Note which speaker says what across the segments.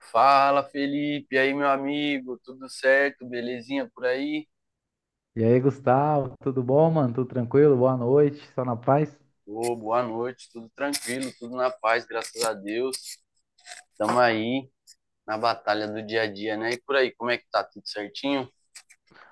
Speaker 1: Fala, Felipe, e aí, meu amigo, tudo certo? Belezinha por aí?
Speaker 2: E aí, Gustavo, tudo bom, mano? Tudo tranquilo? Boa noite, só na paz?
Speaker 1: Ô, boa noite, tudo tranquilo, tudo na paz, graças a Deus. Estamos aí na batalha do dia a dia, né? E por aí, como é que tá? Tudo certinho?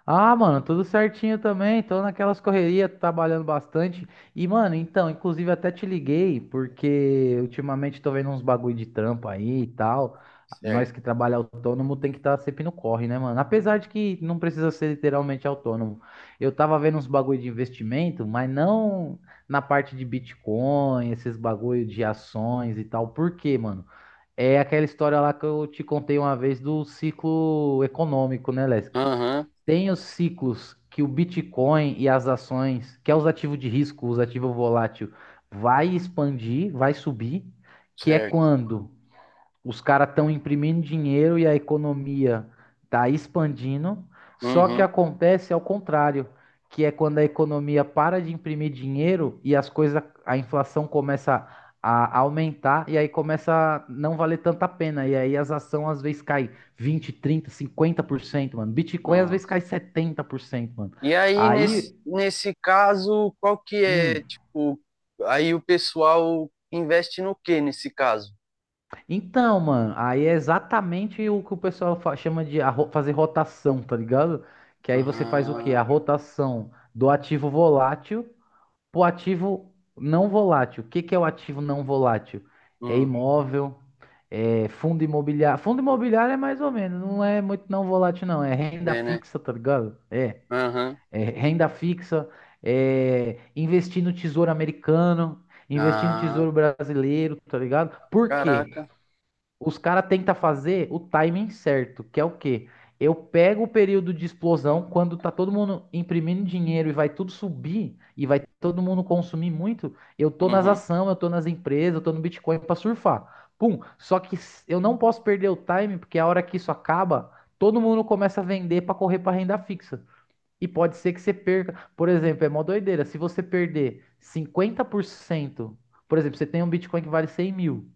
Speaker 2: Ah, mano, tudo certinho também. Tô naquelas correrias, trabalhando bastante. E, mano, então, inclusive até te liguei, porque ultimamente tô vendo uns bagulho de trampo aí e tal. Nós que
Speaker 1: Certo.
Speaker 2: trabalha autônomo tem que estar sempre no corre, né, mano? Apesar de que não precisa ser literalmente autônomo. Eu tava vendo uns bagulho de investimento, mas não na parte de Bitcoin, esses bagulho de ações e tal. Por quê, mano? É aquela história lá que eu te contei uma vez do ciclo econômico, né, Lesk?
Speaker 1: Aham,
Speaker 2: Tem os ciclos que o Bitcoin e as ações, que é os ativos de risco, os ativos volátil, vai expandir, vai subir, que é
Speaker 1: certo.
Speaker 2: quando os caras estão imprimindo dinheiro e a economia está expandindo, só
Speaker 1: Uhum.
Speaker 2: que acontece ao contrário, que é quando a economia para de imprimir dinheiro e as coisas, a inflação começa a aumentar e aí começa a não valer tanta pena. E aí as ações às vezes caem 20, 30, 50%, mano. Bitcoin às
Speaker 1: Uhum.
Speaker 2: vezes cai 70%, mano.
Speaker 1: E aí, nesse,
Speaker 2: Aí,
Speaker 1: nesse caso, qual que é,
Speaker 2: hum,
Speaker 1: tipo, aí o pessoal investe no que nesse caso?
Speaker 2: Então, mano, aí é exatamente o que o pessoal chama de fazer rotação, tá ligado? Que aí você faz o quê? A
Speaker 1: Ah,
Speaker 2: rotação do ativo volátil pro ativo não volátil. O que que é o ativo não volátil? É
Speaker 1: hum,
Speaker 2: imóvel, é fundo imobiliário. Fundo imobiliário é mais ou menos, não é muito não volátil, não. É renda
Speaker 1: é, né?
Speaker 2: fixa, tá ligado? É,
Speaker 1: Aham.
Speaker 2: é renda fixa, é investir no tesouro americano, investir no
Speaker 1: Ah,
Speaker 2: tesouro brasileiro, tá ligado? Por quê?
Speaker 1: caraca.
Speaker 2: Os caras tentam fazer o timing certo, que é o quê? Eu pego o período de explosão quando tá todo mundo imprimindo dinheiro e vai tudo subir e vai todo mundo consumir muito. Eu tô nas
Speaker 1: Uhum.
Speaker 2: ações, eu tô nas empresas, eu tô no Bitcoin pra surfar. Pum. Eu não posso perder o timing, porque a hora que isso acaba, todo mundo começa a vender pra correr pra renda fixa. E pode ser que você perca. Por exemplo, é mó doideira. Se você perder 50%, por cento, por exemplo, você tem um Bitcoin que vale 100 mil.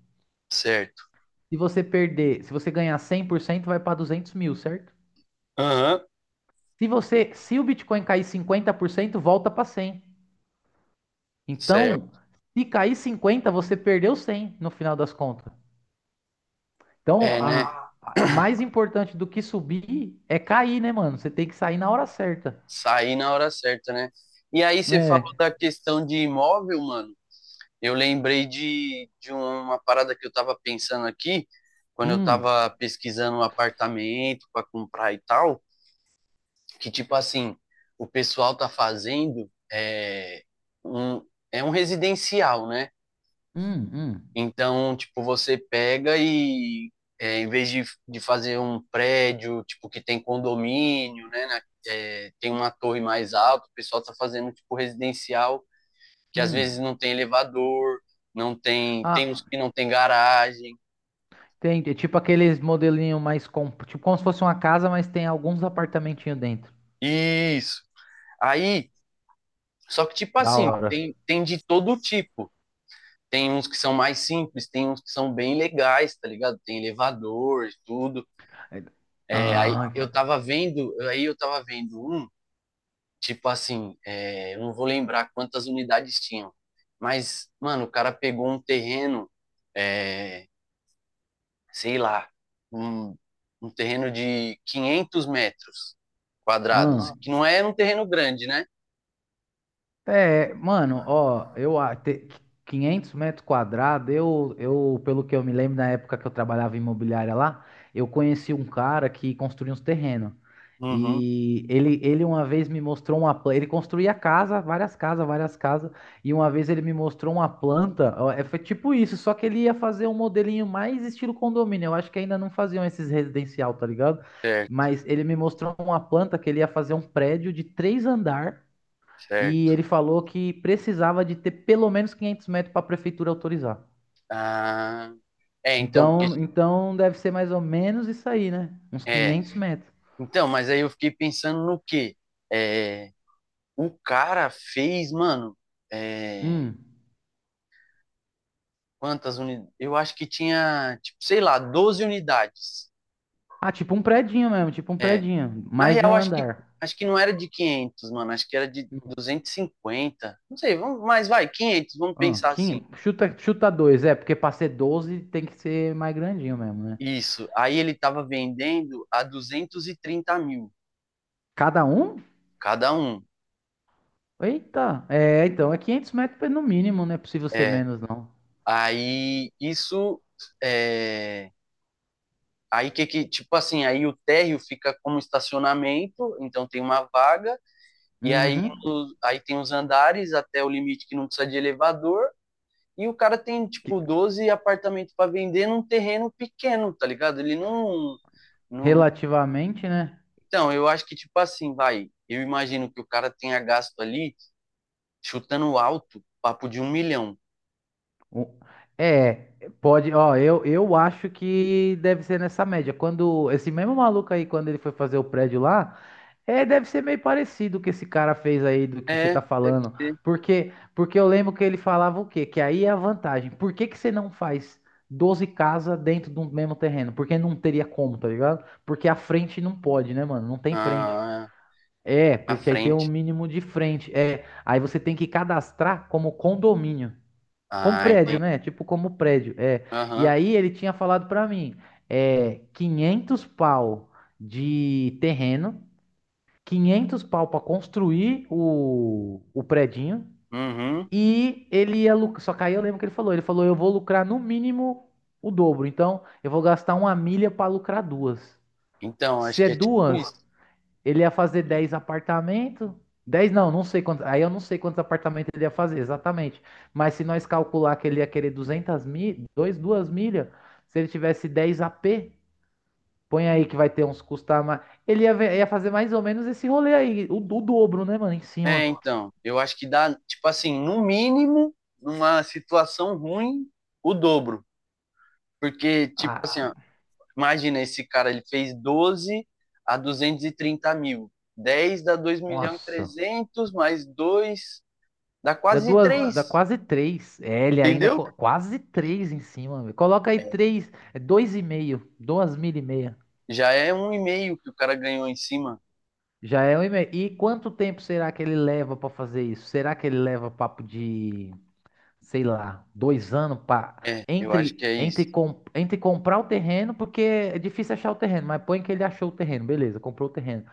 Speaker 1: Certo.
Speaker 2: Se você perder, se você ganhar 100% vai para 200 mil, certo?
Speaker 1: Aham.
Speaker 2: Se você, se o Bitcoin cair 50% volta para cem. Então,
Speaker 1: Certo.
Speaker 2: se cair 50, você perdeu 100 no final das contas. Então,
Speaker 1: É, né?
Speaker 2: mais importante do que subir é cair, né, mano? Você tem que sair na hora certa.
Speaker 1: Sair na hora certa, né? E aí você falou
Speaker 2: É.
Speaker 1: da questão de imóvel, mano. Eu lembrei de uma parada que eu tava pensando aqui, quando eu
Speaker 2: Hum,
Speaker 1: tava pesquisando um apartamento para comprar e tal, que tipo assim, o pessoal tá fazendo um, é um residencial, né?
Speaker 2: hum, hum,
Speaker 1: Então, tipo, você pega e, é, em vez de fazer um prédio, tipo, que tem condomínio, né, é, tem uma torre mais alta, o pessoal tá fazendo, tipo, residencial, que às vezes
Speaker 2: hum.
Speaker 1: não tem elevador, não tem, tem
Speaker 2: Ah,
Speaker 1: uns que não tem garagem.
Speaker 2: tem, é tipo aqueles modelinho mais com, tipo como se fosse uma casa, mas tem alguns apartamentinhos dentro.
Speaker 1: Isso. Aí, só que, tipo
Speaker 2: Da
Speaker 1: assim,
Speaker 2: hora.
Speaker 1: tem de todo tipo. Tem uns que são mais simples, tem uns que são bem legais, tá ligado? Tem elevador e tudo. É, aí
Speaker 2: Ah,
Speaker 1: eu tava vendo, aí eu tava vendo um. Tipo assim, é, eu não vou lembrar quantas unidades tinham, mas, mano, o cara pegou um terreno, é, sei lá, um, um terreno de 500 metros quadrados,
Speaker 2: ah.
Speaker 1: que não é um terreno grande, né?
Speaker 2: É, mano, ó, 500 metros quadrados, eu, pelo que eu me lembro, na época que eu trabalhava em imobiliária lá, eu conheci um cara que construía uns terrenos.
Speaker 1: Uhum,
Speaker 2: E ele uma vez me mostrou uma planta, ele construía casa, várias casas, e uma vez ele me mostrou uma planta, ó, é, foi tipo isso, só que ele ia fazer um modelinho mais estilo condomínio, eu acho que ainda não faziam esses residencial, tá ligado?
Speaker 1: certo,
Speaker 2: Mas ele me mostrou uma planta que ele ia fazer um prédio de três andares e
Speaker 1: certo.
Speaker 2: ele falou que precisava de ter pelo menos 500 metros para a prefeitura autorizar.
Speaker 1: Ah, é, então, porque-
Speaker 2: Então, então deve ser mais ou menos isso aí, né? Uns
Speaker 1: é,
Speaker 2: 500 metros.
Speaker 1: então, mas aí eu fiquei pensando no quê? É, o cara fez, mano, é,
Speaker 2: Hum.
Speaker 1: quantas unidades? Eu acho que tinha, tipo, sei lá, 12 unidades.
Speaker 2: Ah, tipo um predinho mesmo, tipo um
Speaker 1: Eh,
Speaker 2: predinho,
Speaker 1: na
Speaker 2: mais de
Speaker 1: real,
Speaker 2: um
Speaker 1: acho que,
Speaker 2: andar.
Speaker 1: acho que não era de 500, mano. Acho que era de
Speaker 2: Hum.
Speaker 1: 250. Não sei, vamos, mas vai, 500, vamos
Speaker 2: Ah,
Speaker 1: pensar assim.
Speaker 2: 500, chuta, chuta dois, é, porque para ser 12 tem que ser mais grandinho mesmo, né?
Speaker 1: Isso. Aí ele tava vendendo a 230 mil
Speaker 2: Cada um?
Speaker 1: cada um.
Speaker 2: Eita, é, então é 500 metros no mínimo, não é possível ser
Speaker 1: É.
Speaker 2: menos, não.
Speaker 1: Aí isso. É. Aí que, tipo assim, aí o térreo fica como estacionamento, então tem uma vaga, e aí,
Speaker 2: Uhum.
Speaker 1: aí tem os andares até o limite que não precisa de elevador. E o cara tem, tipo,
Speaker 2: Que-
Speaker 1: 12 apartamentos para vender num terreno pequeno, tá ligado? Ele não.
Speaker 2: Relativamente, né?
Speaker 1: Então, eu acho que, tipo assim, vai. Eu imagino que o cara tenha gasto ali, chutando alto, papo de um milhão.
Speaker 2: Um- É, pode, ó, eu acho que deve ser nessa média. Quando esse mesmo maluco aí, quando ele foi fazer o prédio lá, é, deve ser meio parecido o que esse cara fez aí do que você
Speaker 1: É,
Speaker 2: tá
Speaker 1: deve
Speaker 2: falando.
Speaker 1: ser.
Speaker 2: Porque, porque eu lembro que ele falava o quê? Que aí é a vantagem. Por que que você não faz 12 casas dentro do mesmo terreno? Porque não teria como, tá ligado? Porque a frente não pode, né, mano? Não tem frente.
Speaker 1: Ah,
Speaker 2: É,
Speaker 1: na
Speaker 2: porque aí tem um
Speaker 1: frente.
Speaker 2: mínimo de frente. É, aí você tem que cadastrar como condomínio. Como
Speaker 1: Ah,
Speaker 2: prédio,
Speaker 1: entendi.
Speaker 2: né? Tipo, como prédio. É. E
Speaker 1: Aham.
Speaker 2: aí ele tinha falado pra mim, é 500 pau de terreno, 500 pau pra construir o predinho
Speaker 1: Uhum.
Speaker 2: e ele ia lucrar. Só que aí eu lembro que ele falou, eu vou lucrar no mínimo o dobro. Então, eu vou gastar uma milha pra lucrar duas.
Speaker 1: Então, acho
Speaker 2: Se é
Speaker 1: que é tipo isso.
Speaker 2: duas, ele ia fazer 10 apartamentos. 10 não, não sei quantos. Aí eu não sei quantos apartamentos ele ia fazer exatamente. Mas se nós calcular que ele ia querer 200 mil, 2 milhas, se ele tivesse 10 AP, põe aí que vai ter uns custar mais. Ele ia, ia fazer mais ou menos esse rolê aí, o dobro, né, mano, em cima.
Speaker 1: É, então. Eu acho que dá, tipo assim, no mínimo, numa situação ruim, o dobro. Porque, tipo
Speaker 2: Ah,
Speaker 1: assim, ó, imagina, esse cara, ele fez 12 a 230 mil. Dez dá 2 milhões e
Speaker 2: nossa.
Speaker 1: 300, mais 2 dá
Speaker 2: Dá
Speaker 1: quase
Speaker 2: duas, dá
Speaker 1: 3,
Speaker 2: quase três. É, ele ainda
Speaker 1: entendeu?
Speaker 2: quase três em cima. Velho. Coloca aí três, é dois e meio, duas mil e meia.
Speaker 1: Já é um e meio que o cara ganhou em cima.
Speaker 2: Já é um e-mail. E quanto tempo será que ele leva para fazer isso? Será que ele leva papo de, sei lá, 2 anos para
Speaker 1: É, eu acho
Speaker 2: entre
Speaker 1: que é isso.
Speaker 2: entre, com, entre comprar o terreno, porque é difícil achar o terreno, mas põe que ele achou o terreno, beleza, comprou o terreno,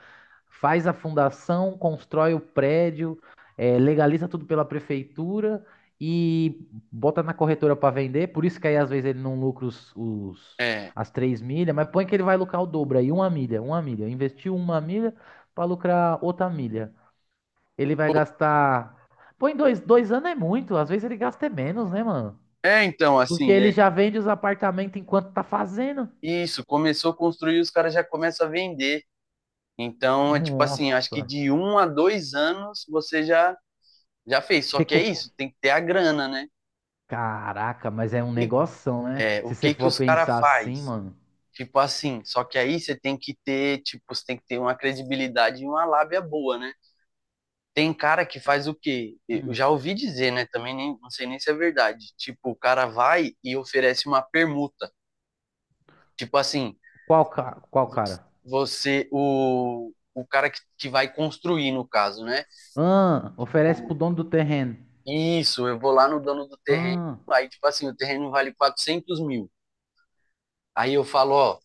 Speaker 2: faz a fundação, constrói o prédio, eh, legaliza tudo pela prefeitura e bota na corretora para vender. Por isso que aí às vezes ele não lucra
Speaker 1: É,
Speaker 2: as três milhas, mas põe que ele vai lucrar o dobro aí, uma milha, uma milha. Investiu uma milha para lucrar outra milha. Ele vai gastar. Põe dois, 2 anos é muito, às vezes ele gasta é menos, né, mano?
Speaker 1: é, então,
Speaker 2: Porque
Speaker 1: assim,
Speaker 2: ele
Speaker 1: é
Speaker 2: já vende os apartamentos enquanto tá fazendo.
Speaker 1: isso. Começou a construir, os caras já começam a vender. Então, é tipo assim, acho que
Speaker 2: Nossa.
Speaker 1: de 1 a 2 anos você já já fez. Só que é isso, tem que ter a grana, né?
Speaker 2: Caraca, mas é um
Speaker 1: E,
Speaker 2: negoção, né?
Speaker 1: é, o
Speaker 2: Se você
Speaker 1: que que
Speaker 2: for
Speaker 1: os caras
Speaker 2: pensar assim,
Speaker 1: faz?
Speaker 2: mano.
Speaker 1: Tipo assim, só que aí você tem que ter, tipo, você tem que ter uma credibilidade e uma lábia boa, né? Tem cara que faz o quê? Eu
Speaker 2: Hum,
Speaker 1: já ouvi dizer, né? Também nem, não sei nem se é verdade. Tipo, o cara vai e oferece uma permuta. Tipo assim,
Speaker 2: Qual cara?
Speaker 1: o cara que vai construir, no caso, né?
Speaker 2: Ah, oferece pro
Speaker 1: Tipo,
Speaker 2: dono do terreno.
Speaker 1: isso, eu vou lá no dono do terreno,
Speaker 2: Ah,
Speaker 1: aí, tipo assim, o terreno vale 400 mil. Aí eu falo, ó,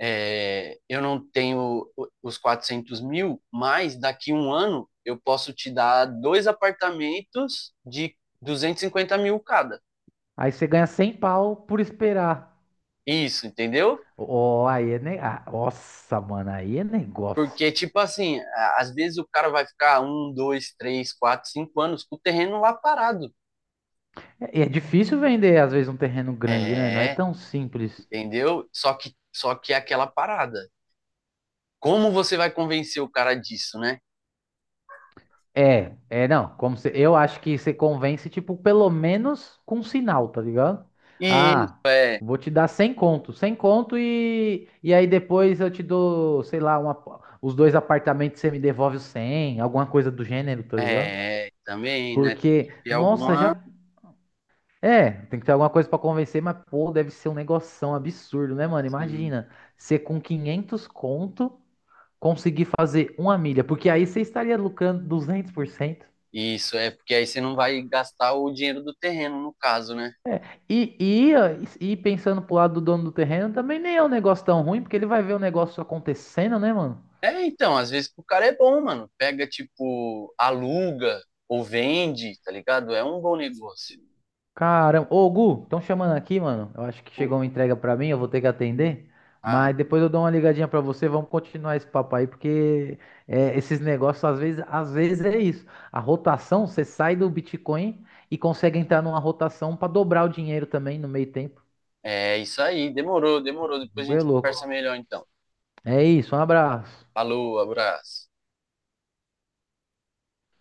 Speaker 1: é, eu não tenho os 400 mil, mas daqui um ano eu posso te dar dois apartamentos de 250 mil cada.
Speaker 2: aí você ganha 100 pau por esperar.
Speaker 1: Isso, entendeu?
Speaker 2: Ó, aí é ah, nossa, mano, aí é negócio.
Speaker 1: Porque, tipo assim, às vezes o cara vai ficar um, dois, três, quatro, cinco anos com o terreno lá parado.
Speaker 2: É, é difícil vender, às vezes, um terreno grande, né? Não é
Speaker 1: É,
Speaker 2: tão simples.
Speaker 1: entendeu? Só que é aquela parada. Como você vai convencer o cara disso, né?
Speaker 2: Não, como se, eu acho que você convence, tipo, pelo menos com um sinal, tá ligado?
Speaker 1: E
Speaker 2: Ah,
Speaker 1: é,
Speaker 2: vou te dar 100 conto, 100 conto e aí depois eu te dou, sei lá, uma, os dois apartamentos você me devolve os 100, alguma coisa do gênero, tá ligado?
Speaker 1: é também, né? Tem que
Speaker 2: Porque,
Speaker 1: ter
Speaker 2: nossa, já,
Speaker 1: alguma.
Speaker 2: é, tem que ter alguma coisa pra convencer, mas, pô, deve ser um negoção absurdo, né, mano?
Speaker 1: Assim,
Speaker 2: Imagina, você com 500 conto conseguir fazer uma milha, porque aí você estaria lucrando 200%.
Speaker 1: isso, é porque aí você não vai gastar o dinheiro do terreno, no caso, né?
Speaker 2: Ah, e pensando pro lado do dono do terreno, também nem é um negócio tão ruim, porque ele vai ver o negócio acontecendo, né, mano?
Speaker 1: É, então, às vezes pro cara é bom, mano. Pega, tipo, aluga ou vende, tá ligado? É um bom negócio.
Speaker 2: Caramba. Ô, Gu, estão chamando aqui, mano. Eu acho que
Speaker 1: Pô,
Speaker 2: chegou uma entrega pra mim, eu vou ter que atender.
Speaker 1: ah,
Speaker 2: Mas depois eu dou uma ligadinha pra você, vamos continuar esse papo aí, porque é, esses negócios, às vezes é isso. A rotação, você sai do Bitcoin e consegue entrar numa rotação pra dobrar o dinheiro também no meio tempo.
Speaker 1: é isso aí. Demorou, demorou.
Speaker 2: O
Speaker 1: Depois a
Speaker 2: Gu é
Speaker 1: gente
Speaker 2: louco.
Speaker 1: conversa melhor, então.
Speaker 2: É isso, um abraço.
Speaker 1: Falou, abraço.